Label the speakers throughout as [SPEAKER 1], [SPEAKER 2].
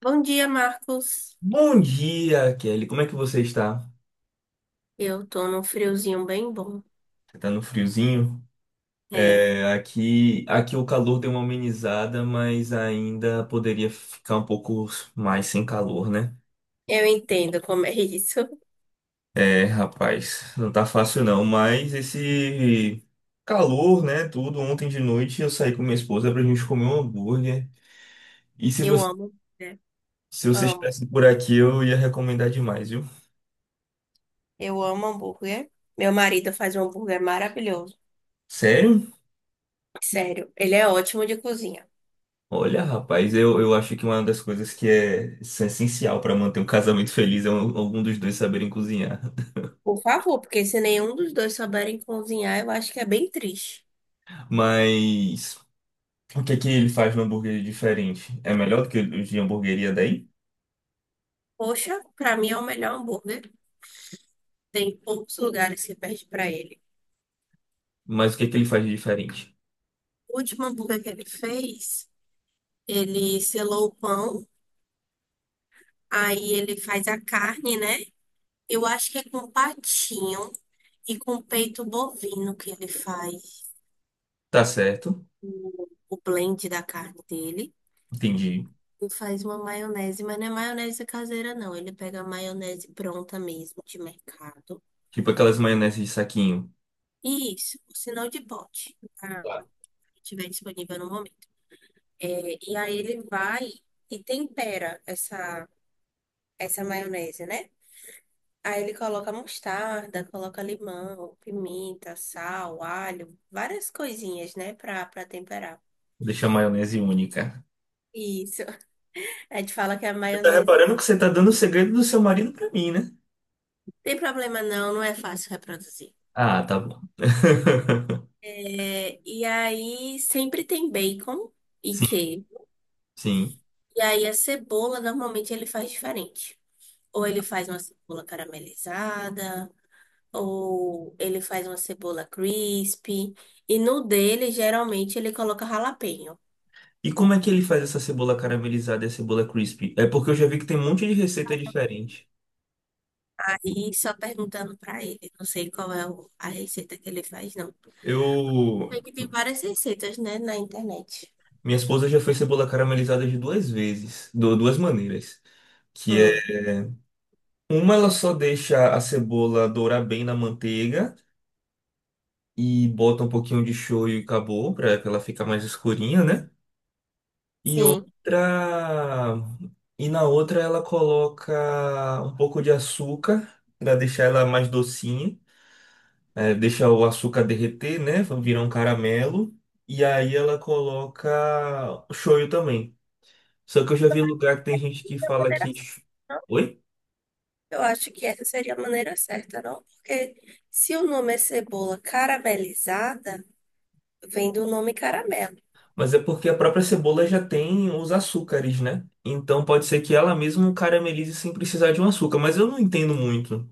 [SPEAKER 1] Bom dia, Marcos.
[SPEAKER 2] Bom dia, Kelly. Como é que você está?
[SPEAKER 1] Eu tô num friozinho bem bom.
[SPEAKER 2] Você tá no friozinho?
[SPEAKER 1] É,
[SPEAKER 2] É, aqui, o calor deu uma amenizada, mas ainda poderia ficar um pouco mais sem calor, né?
[SPEAKER 1] eu entendo como é isso.
[SPEAKER 2] É, rapaz, não tá fácil não, mas esse calor, né, tudo, ontem de noite eu saí com minha esposa pra gente comer um hambúrguer. E se
[SPEAKER 1] Eu
[SPEAKER 2] você,
[SPEAKER 1] amo, né?
[SPEAKER 2] Se você
[SPEAKER 1] Amo.
[SPEAKER 2] estivesse por aqui, eu ia recomendar demais, viu?
[SPEAKER 1] Eu amo hambúrguer. Meu marido faz um hambúrguer maravilhoso.
[SPEAKER 2] Sério?
[SPEAKER 1] Sério, ele é ótimo de cozinha.
[SPEAKER 2] Olha, rapaz, eu acho que uma das coisas que é essencial para manter um casamento feliz é algum dos dois saberem cozinhar.
[SPEAKER 1] Por favor, porque se nenhum dos dois souberem cozinhar, eu acho que é bem triste.
[SPEAKER 2] Mas o que é que ele faz no hambúrguer de diferente? É melhor do que os de hamburgueria daí?
[SPEAKER 1] Poxa, pra mim é o melhor hambúrguer. Tem poucos lugares que perde pra ele.
[SPEAKER 2] Mas o que é que ele faz de diferente?
[SPEAKER 1] O último hambúrguer que ele fez, ele selou o pão, aí ele faz a carne, né? Eu acho que é com patinho e com peito bovino que ele faz
[SPEAKER 2] Tá certo,
[SPEAKER 1] o blend da carne dele.
[SPEAKER 2] entendi.
[SPEAKER 1] E faz uma maionese, mas não é maionese caseira, não. Ele pega a maionese pronta mesmo, de mercado.
[SPEAKER 2] Tipo aquelas maioneses de saquinho.
[SPEAKER 1] E isso, o sinal de pote, tá?
[SPEAKER 2] Claro.
[SPEAKER 1] Se tiver disponível no momento. É, e aí ele vai e tempera essa maionese, né? Aí ele coloca mostarda, coloca limão, pimenta, sal, alho, várias coisinhas, né, pra temperar.
[SPEAKER 2] Deixa a maionese única.
[SPEAKER 1] Isso. A gente fala que a
[SPEAKER 2] Você tá
[SPEAKER 1] maionese.
[SPEAKER 2] reparando que você tá dando o segredo do seu marido pra mim, né?
[SPEAKER 1] Tem problema não, não é fácil reproduzir.
[SPEAKER 2] Ah, tá bom.
[SPEAKER 1] É, e aí sempre tem bacon e
[SPEAKER 2] Sim,
[SPEAKER 1] queijo.
[SPEAKER 2] sim.
[SPEAKER 1] E aí a cebola normalmente ele faz diferente. Ou ele faz uma cebola caramelizada, ou ele faz uma cebola crispy. E no dele, geralmente, ele coloca jalapeño.
[SPEAKER 2] E como é que ele faz essa cebola caramelizada e a cebola crispy? É porque eu já vi que tem um monte de receita diferente.
[SPEAKER 1] Aí só perguntando pra ele, não sei qual é o- a receita que ele faz, não.
[SPEAKER 2] Eu,
[SPEAKER 1] Sei que tem várias receitas, né, na internet.
[SPEAKER 2] minha esposa já fez cebola caramelizada de duas vezes, de duas maneiras, que é
[SPEAKER 1] Hum,
[SPEAKER 2] uma ela só deixa a cebola dourar bem na manteiga e bota um pouquinho de shoyu e acabou, para ela ficar mais escurinha, né? E
[SPEAKER 1] sim.
[SPEAKER 2] outra e na outra ela coloca um pouco de açúcar para deixar ela mais docinha. É, deixa o açúcar derreter, né? Virar um caramelo. E aí ela coloca shoyu também. Só que eu já vi lugar que tem gente que fala que. Oi?
[SPEAKER 1] Eu acho que essa seria a maneira certa, não? Porque se o nome é cebola caramelizada, vem do nome caramelo.
[SPEAKER 2] Mas é porque a própria cebola já tem os açúcares, né? Então pode ser que ela mesma caramelize sem precisar de um açúcar. Mas eu não entendo muito.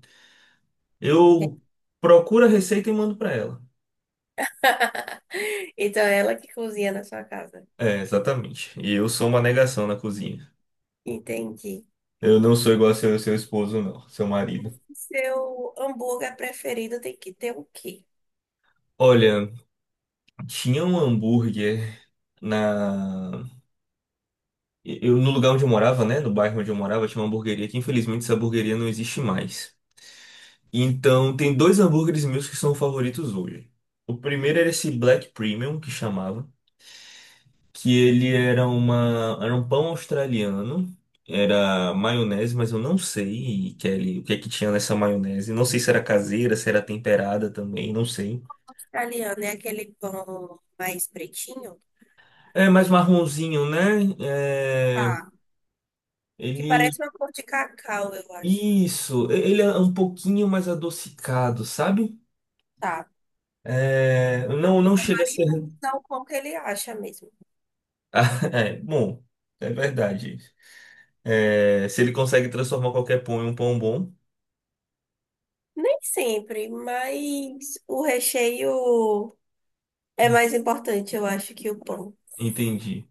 [SPEAKER 2] Eu procuro a receita e mando pra ela.
[SPEAKER 1] Então é ela que cozinha na sua casa.
[SPEAKER 2] É, exatamente. E eu sou uma negação na cozinha.
[SPEAKER 1] Entendi.
[SPEAKER 2] Eu não sou igual ao seu esposo, não, seu marido.
[SPEAKER 1] Seu hambúrguer preferido tem que ter o quê?
[SPEAKER 2] Olha. Tinha um hambúrguer na. Eu, no lugar onde eu morava, né? No bairro onde eu morava, tinha uma hamburgueria que infelizmente essa hamburgueria não existe mais. Então tem dois hambúrgueres meus que são favoritos hoje. O primeiro era esse Black Premium, que chamava, que ele era uma, era um pão australiano, era maionese, mas eu não sei, Kelly, o que é que tinha nessa maionese. Não sei se era caseira, se era temperada também, não sei.
[SPEAKER 1] Italiano é aquele pão mais pretinho?
[SPEAKER 2] É mais marronzinho, né? É,
[SPEAKER 1] Tá. Que
[SPEAKER 2] ele
[SPEAKER 1] parece uma cor de cacau, eu acho.
[SPEAKER 2] Isso, ele é um pouquinho mais adocicado, sabe?
[SPEAKER 1] Tá.
[SPEAKER 2] É, não, não
[SPEAKER 1] Meu
[SPEAKER 2] chega a ser.
[SPEAKER 1] marido usa o pão que ele acha mesmo.
[SPEAKER 2] Ah, é, bom, é verdade. É, se ele consegue transformar qualquer pão em um pão bom,
[SPEAKER 1] Nem sempre, mas o recheio. É mais importante, eu acho, que o pão.
[SPEAKER 2] entendi.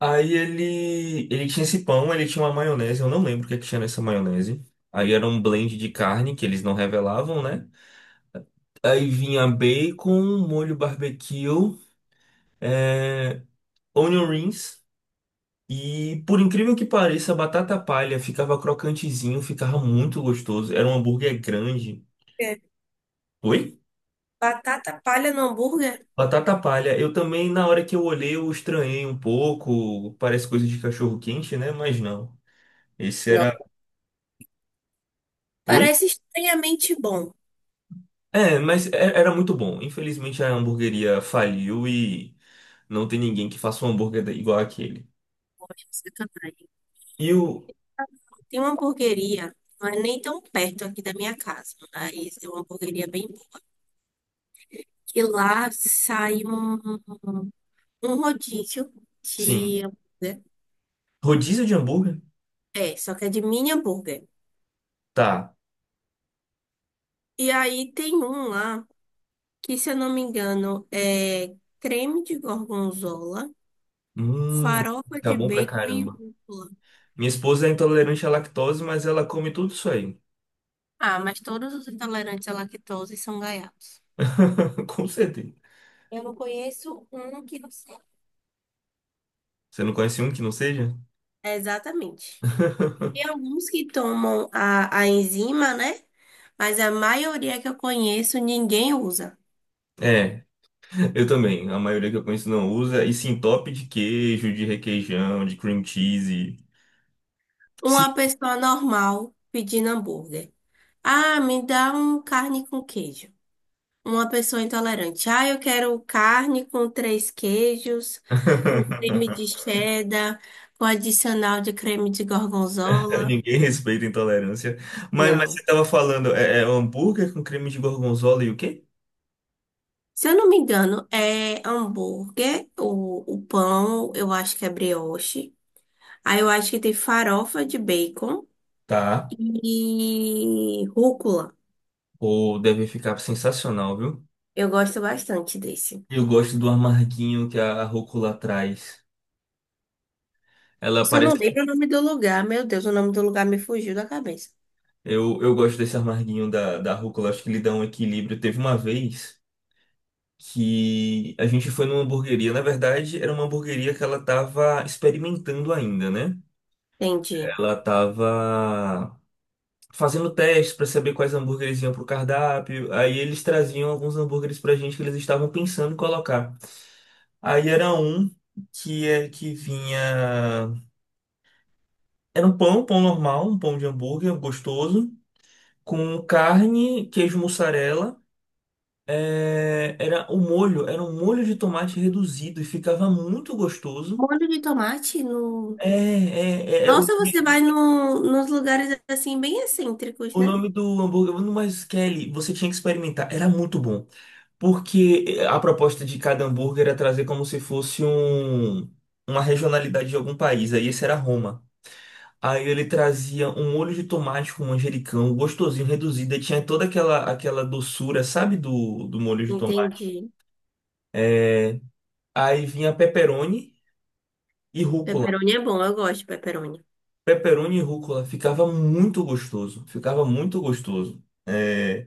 [SPEAKER 2] Aí ele, tinha esse pão, ele tinha uma maionese, eu não lembro o que é que tinha nessa maionese. Aí era um blend de carne que eles não revelavam, né? Aí vinha bacon, molho barbecue, é, onion rings. E por incrível que pareça, a batata palha ficava crocantezinho, ficava muito gostoso. Era um hambúrguer grande.
[SPEAKER 1] É.
[SPEAKER 2] Oi?
[SPEAKER 1] Batata palha no hambúrguer?
[SPEAKER 2] Batata palha. Eu também, na hora que eu olhei, eu estranhei um pouco. Parece coisa de cachorro quente, né? Mas não. Esse
[SPEAKER 1] Não.
[SPEAKER 2] era. Oi?
[SPEAKER 1] Parece estranhamente bom.
[SPEAKER 2] Mas era muito bom. Infelizmente a hamburgueria faliu e não tem ninguém que faça um hambúrguer igual aquele.
[SPEAKER 1] Poxa, sacanagem.
[SPEAKER 2] E o.
[SPEAKER 1] Tem uma hamburgueria, mas nem tão perto aqui da minha casa. Mas é uma hamburgueria bem boa. Que lá sai um rodízio
[SPEAKER 2] Sim.
[SPEAKER 1] de hambúrguer.
[SPEAKER 2] Rodízio de hambúrguer?
[SPEAKER 1] É, só que é de mini hambúrguer.
[SPEAKER 2] Tá.
[SPEAKER 1] E aí tem um lá que, se eu não me engano, é creme de gorgonzola,
[SPEAKER 2] Hum,
[SPEAKER 1] farofa
[SPEAKER 2] tá
[SPEAKER 1] de
[SPEAKER 2] bom pra
[SPEAKER 1] bacon e
[SPEAKER 2] caramba.
[SPEAKER 1] rúcula.
[SPEAKER 2] Minha esposa é intolerante à lactose, mas ela come tudo isso aí.
[SPEAKER 1] Ah, mas todos os intolerantes à lactose são gaiatos.
[SPEAKER 2] Com certeza.
[SPEAKER 1] Eu não conheço um que não seja.
[SPEAKER 2] Você não conhece um que não seja?
[SPEAKER 1] Exatamente. Tem alguns que tomam a enzima, né? Mas a maioria que eu conheço, ninguém usa.
[SPEAKER 2] É, eu também. A maioria que eu conheço não usa. E sim, top de queijo, de requeijão, de cream cheese. Sim.
[SPEAKER 1] Uma pessoa normal pedindo hambúrguer. Ah, me dá um carne com queijo. Uma pessoa intolerante. Ah, eu quero carne com três queijos, com creme de cheddar, com adicional de creme de gorgonzola.
[SPEAKER 2] Ninguém respeita a intolerância. Mas você
[SPEAKER 1] Não.
[SPEAKER 2] estava falando, é hambúrguer com creme de gorgonzola e o quê?
[SPEAKER 1] Se eu não me engano, é hambúrguer, o pão, eu acho que é brioche. Aí eu acho que tem farofa de bacon
[SPEAKER 2] Tá.
[SPEAKER 1] e rúcula.
[SPEAKER 2] Ou deve ficar sensacional, viu?
[SPEAKER 1] Eu gosto bastante desse.
[SPEAKER 2] Eu gosto do amarguinho que a rúcula traz. Ela
[SPEAKER 1] Só não
[SPEAKER 2] parece
[SPEAKER 1] lembro o nome do lugar. Meu Deus, o nome do lugar me fugiu da cabeça.
[SPEAKER 2] Eu gosto desse amarguinho da rúcula, acho que ele dá um equilíbrio. Teve uma vez que a gente foi numa hamburgueria. Na verdade, era uma hamburgueria que ela estava experimentando ainda, né?
[SPEAKER 1] Entendi.
[SPEAKER 2] Ela estava fazendo testes para saber quais hambúrgueres iam pro cardápio. Aí eles traziam alguns hambúrgueres pra gente que eles estavam pensando em colocar. Aí era um que é que vinha. Era um pão normal, um pão de hambúrguer gostoso, com carne, queijo mussarela. É, era o molho, era um molho de tomate reduzido e ficava muito gostoso.
[SPEAKER 1] Molho de tomate no...
[SPEAKER 2] É, é, é, é, o,
[SPEAKER 1] Nossa, você vai no, nos lugares assim bem excêntricos,
[SPEAKER 2] o
[SPEAKER 1] né?
[SPEAKER 2] nome do hambúrguer, mas Kelly, você tinha que experimentar, era muito bom. Porque eh, a proposta de cada hambúrguer era trazer como se fosse um, uma regionalidade de algum país, aí esse era Roma. Aí ele trazia um molho de tomate com manjericão, gostosinho, reduzido, e tinha toda aquela, doçura, sabe, do molho de tomate.
[SPEAKER 1] Entendi.
[SPEAKER 2] É, aí vinha pepperoni e rúcula.
[SPEAKER 1] Pepperoni é bom, eu gosto de pepperoni.
[SPEAKER 2] Pepperoni e rúcula ficava muito gostoso. Ficava muito gostoso. É,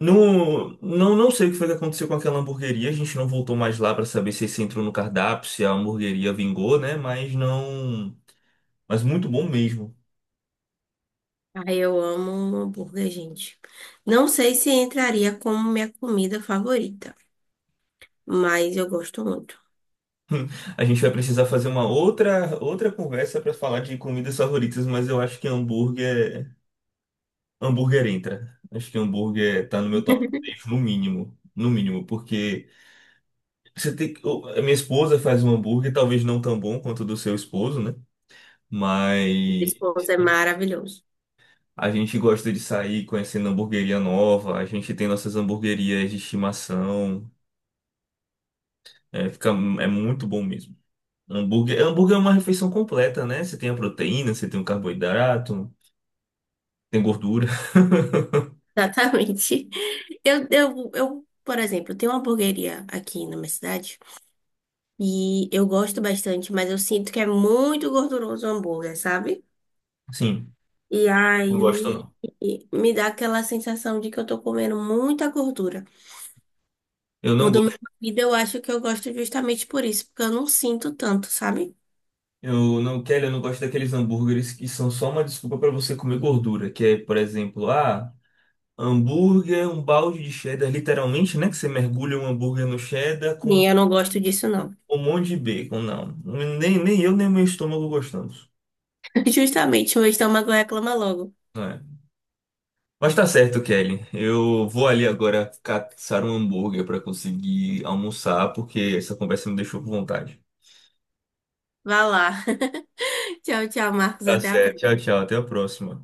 [SPEAKER 2] não sei o que foi que aconteceu com aquela hamburgueria. A gente não voltou mais lá para saber se esse entrou no cardápio, se a hamburgueria vingou, né? Mas não. Mas muito bom mesmo.
[SPEAKER 1] Ah, eu amo um hambúrguer, gente. Não sei se entraria como minha comida favorita, mas eu gosto muito.
[SPEAKER 2] A gente vai precisar fazer uma outra conversa para falar de comidas favoritas, mas eu acho que hambúrguer entra. Acho que hambúrguer tá no meu top 3, no mínimo, no mínimo, porque Você tem que. A minha esposa faz um hambúrguer, talvez não tão bom quanto o do seu esposo, né?
[SPEAKER 1] Resposta
[SPEAKER 2] Mas
[SPEAKER 1] Esposa é maravilhoso.
[SPEAKER 2] a gente gosta de sair conhecendo hambúrgueria nova, a gente tem nossas hambúrguerias de estimação. É, fica, é muito bom mesmo. Hambúrguer, hambúrguer é uma refeição completa, né? Você tem a proteína, você tem o carboidrato, tem gordura.
[SPEAKER 1] Exatamente. Por exemplo, tenho uma hamburgueria aqui na minha cidade e eu gosto bastante, mas eu sinto que é muito gorduroso o hambúrguer, sabe?
[SPEAKER 2] Sim,
[SPEAKER 1] E
[SPEAKER 2] não gosto
[SPEAKER 1] aí
[SPEAKER 2] não.
[SPEAKER 1] me dá aquela sensação de que eu tô comendo muita gordura.
[SPEAKER 2] Eu
[SPEAKER 1] O
[SPEAKER 2] não
[SPEAKER 1] do meu
[SPEAKER 2] gosto.
[SPEAKER 1] marido eu acho que eu gosto justamente por isso, porque eu não sinto tanto, sabe?
[SPEAKER 2] Eu não gosto daqueles hambúrgueres que são só uma desculpa para você comer gordura, que é, por exemplo, ah. Hambúrguer, um balde de cheddar, literalmente, né? Que você mergulha um hambúrguer no cheddar com
[SPEAKER 1] Sim, eu não gosto disso, não.
[SPEAKER 2] um monte de bacon. Não, nem eu, nem meu estômago gostamos.
[SPEAKER 1] Justamente, mas estômago reclama logo.
[SPEAKER 2] Né? Mas tá certo, Kelly. Eu vou ali agora caçar um hambúrguer para conseguir almoçar, porque essa conversa me deixou com vontade.
[SPEAKER 1] Vá lá. Tchau, tchau, Marcos.
[SPEAKER 2] Tá
[SPEAKER 1] Até a
[SPEAKER 2] certo. Tchau,
[SPEAKER 1] próxima.
[SPEAKER 2] tchau. Até a próxima.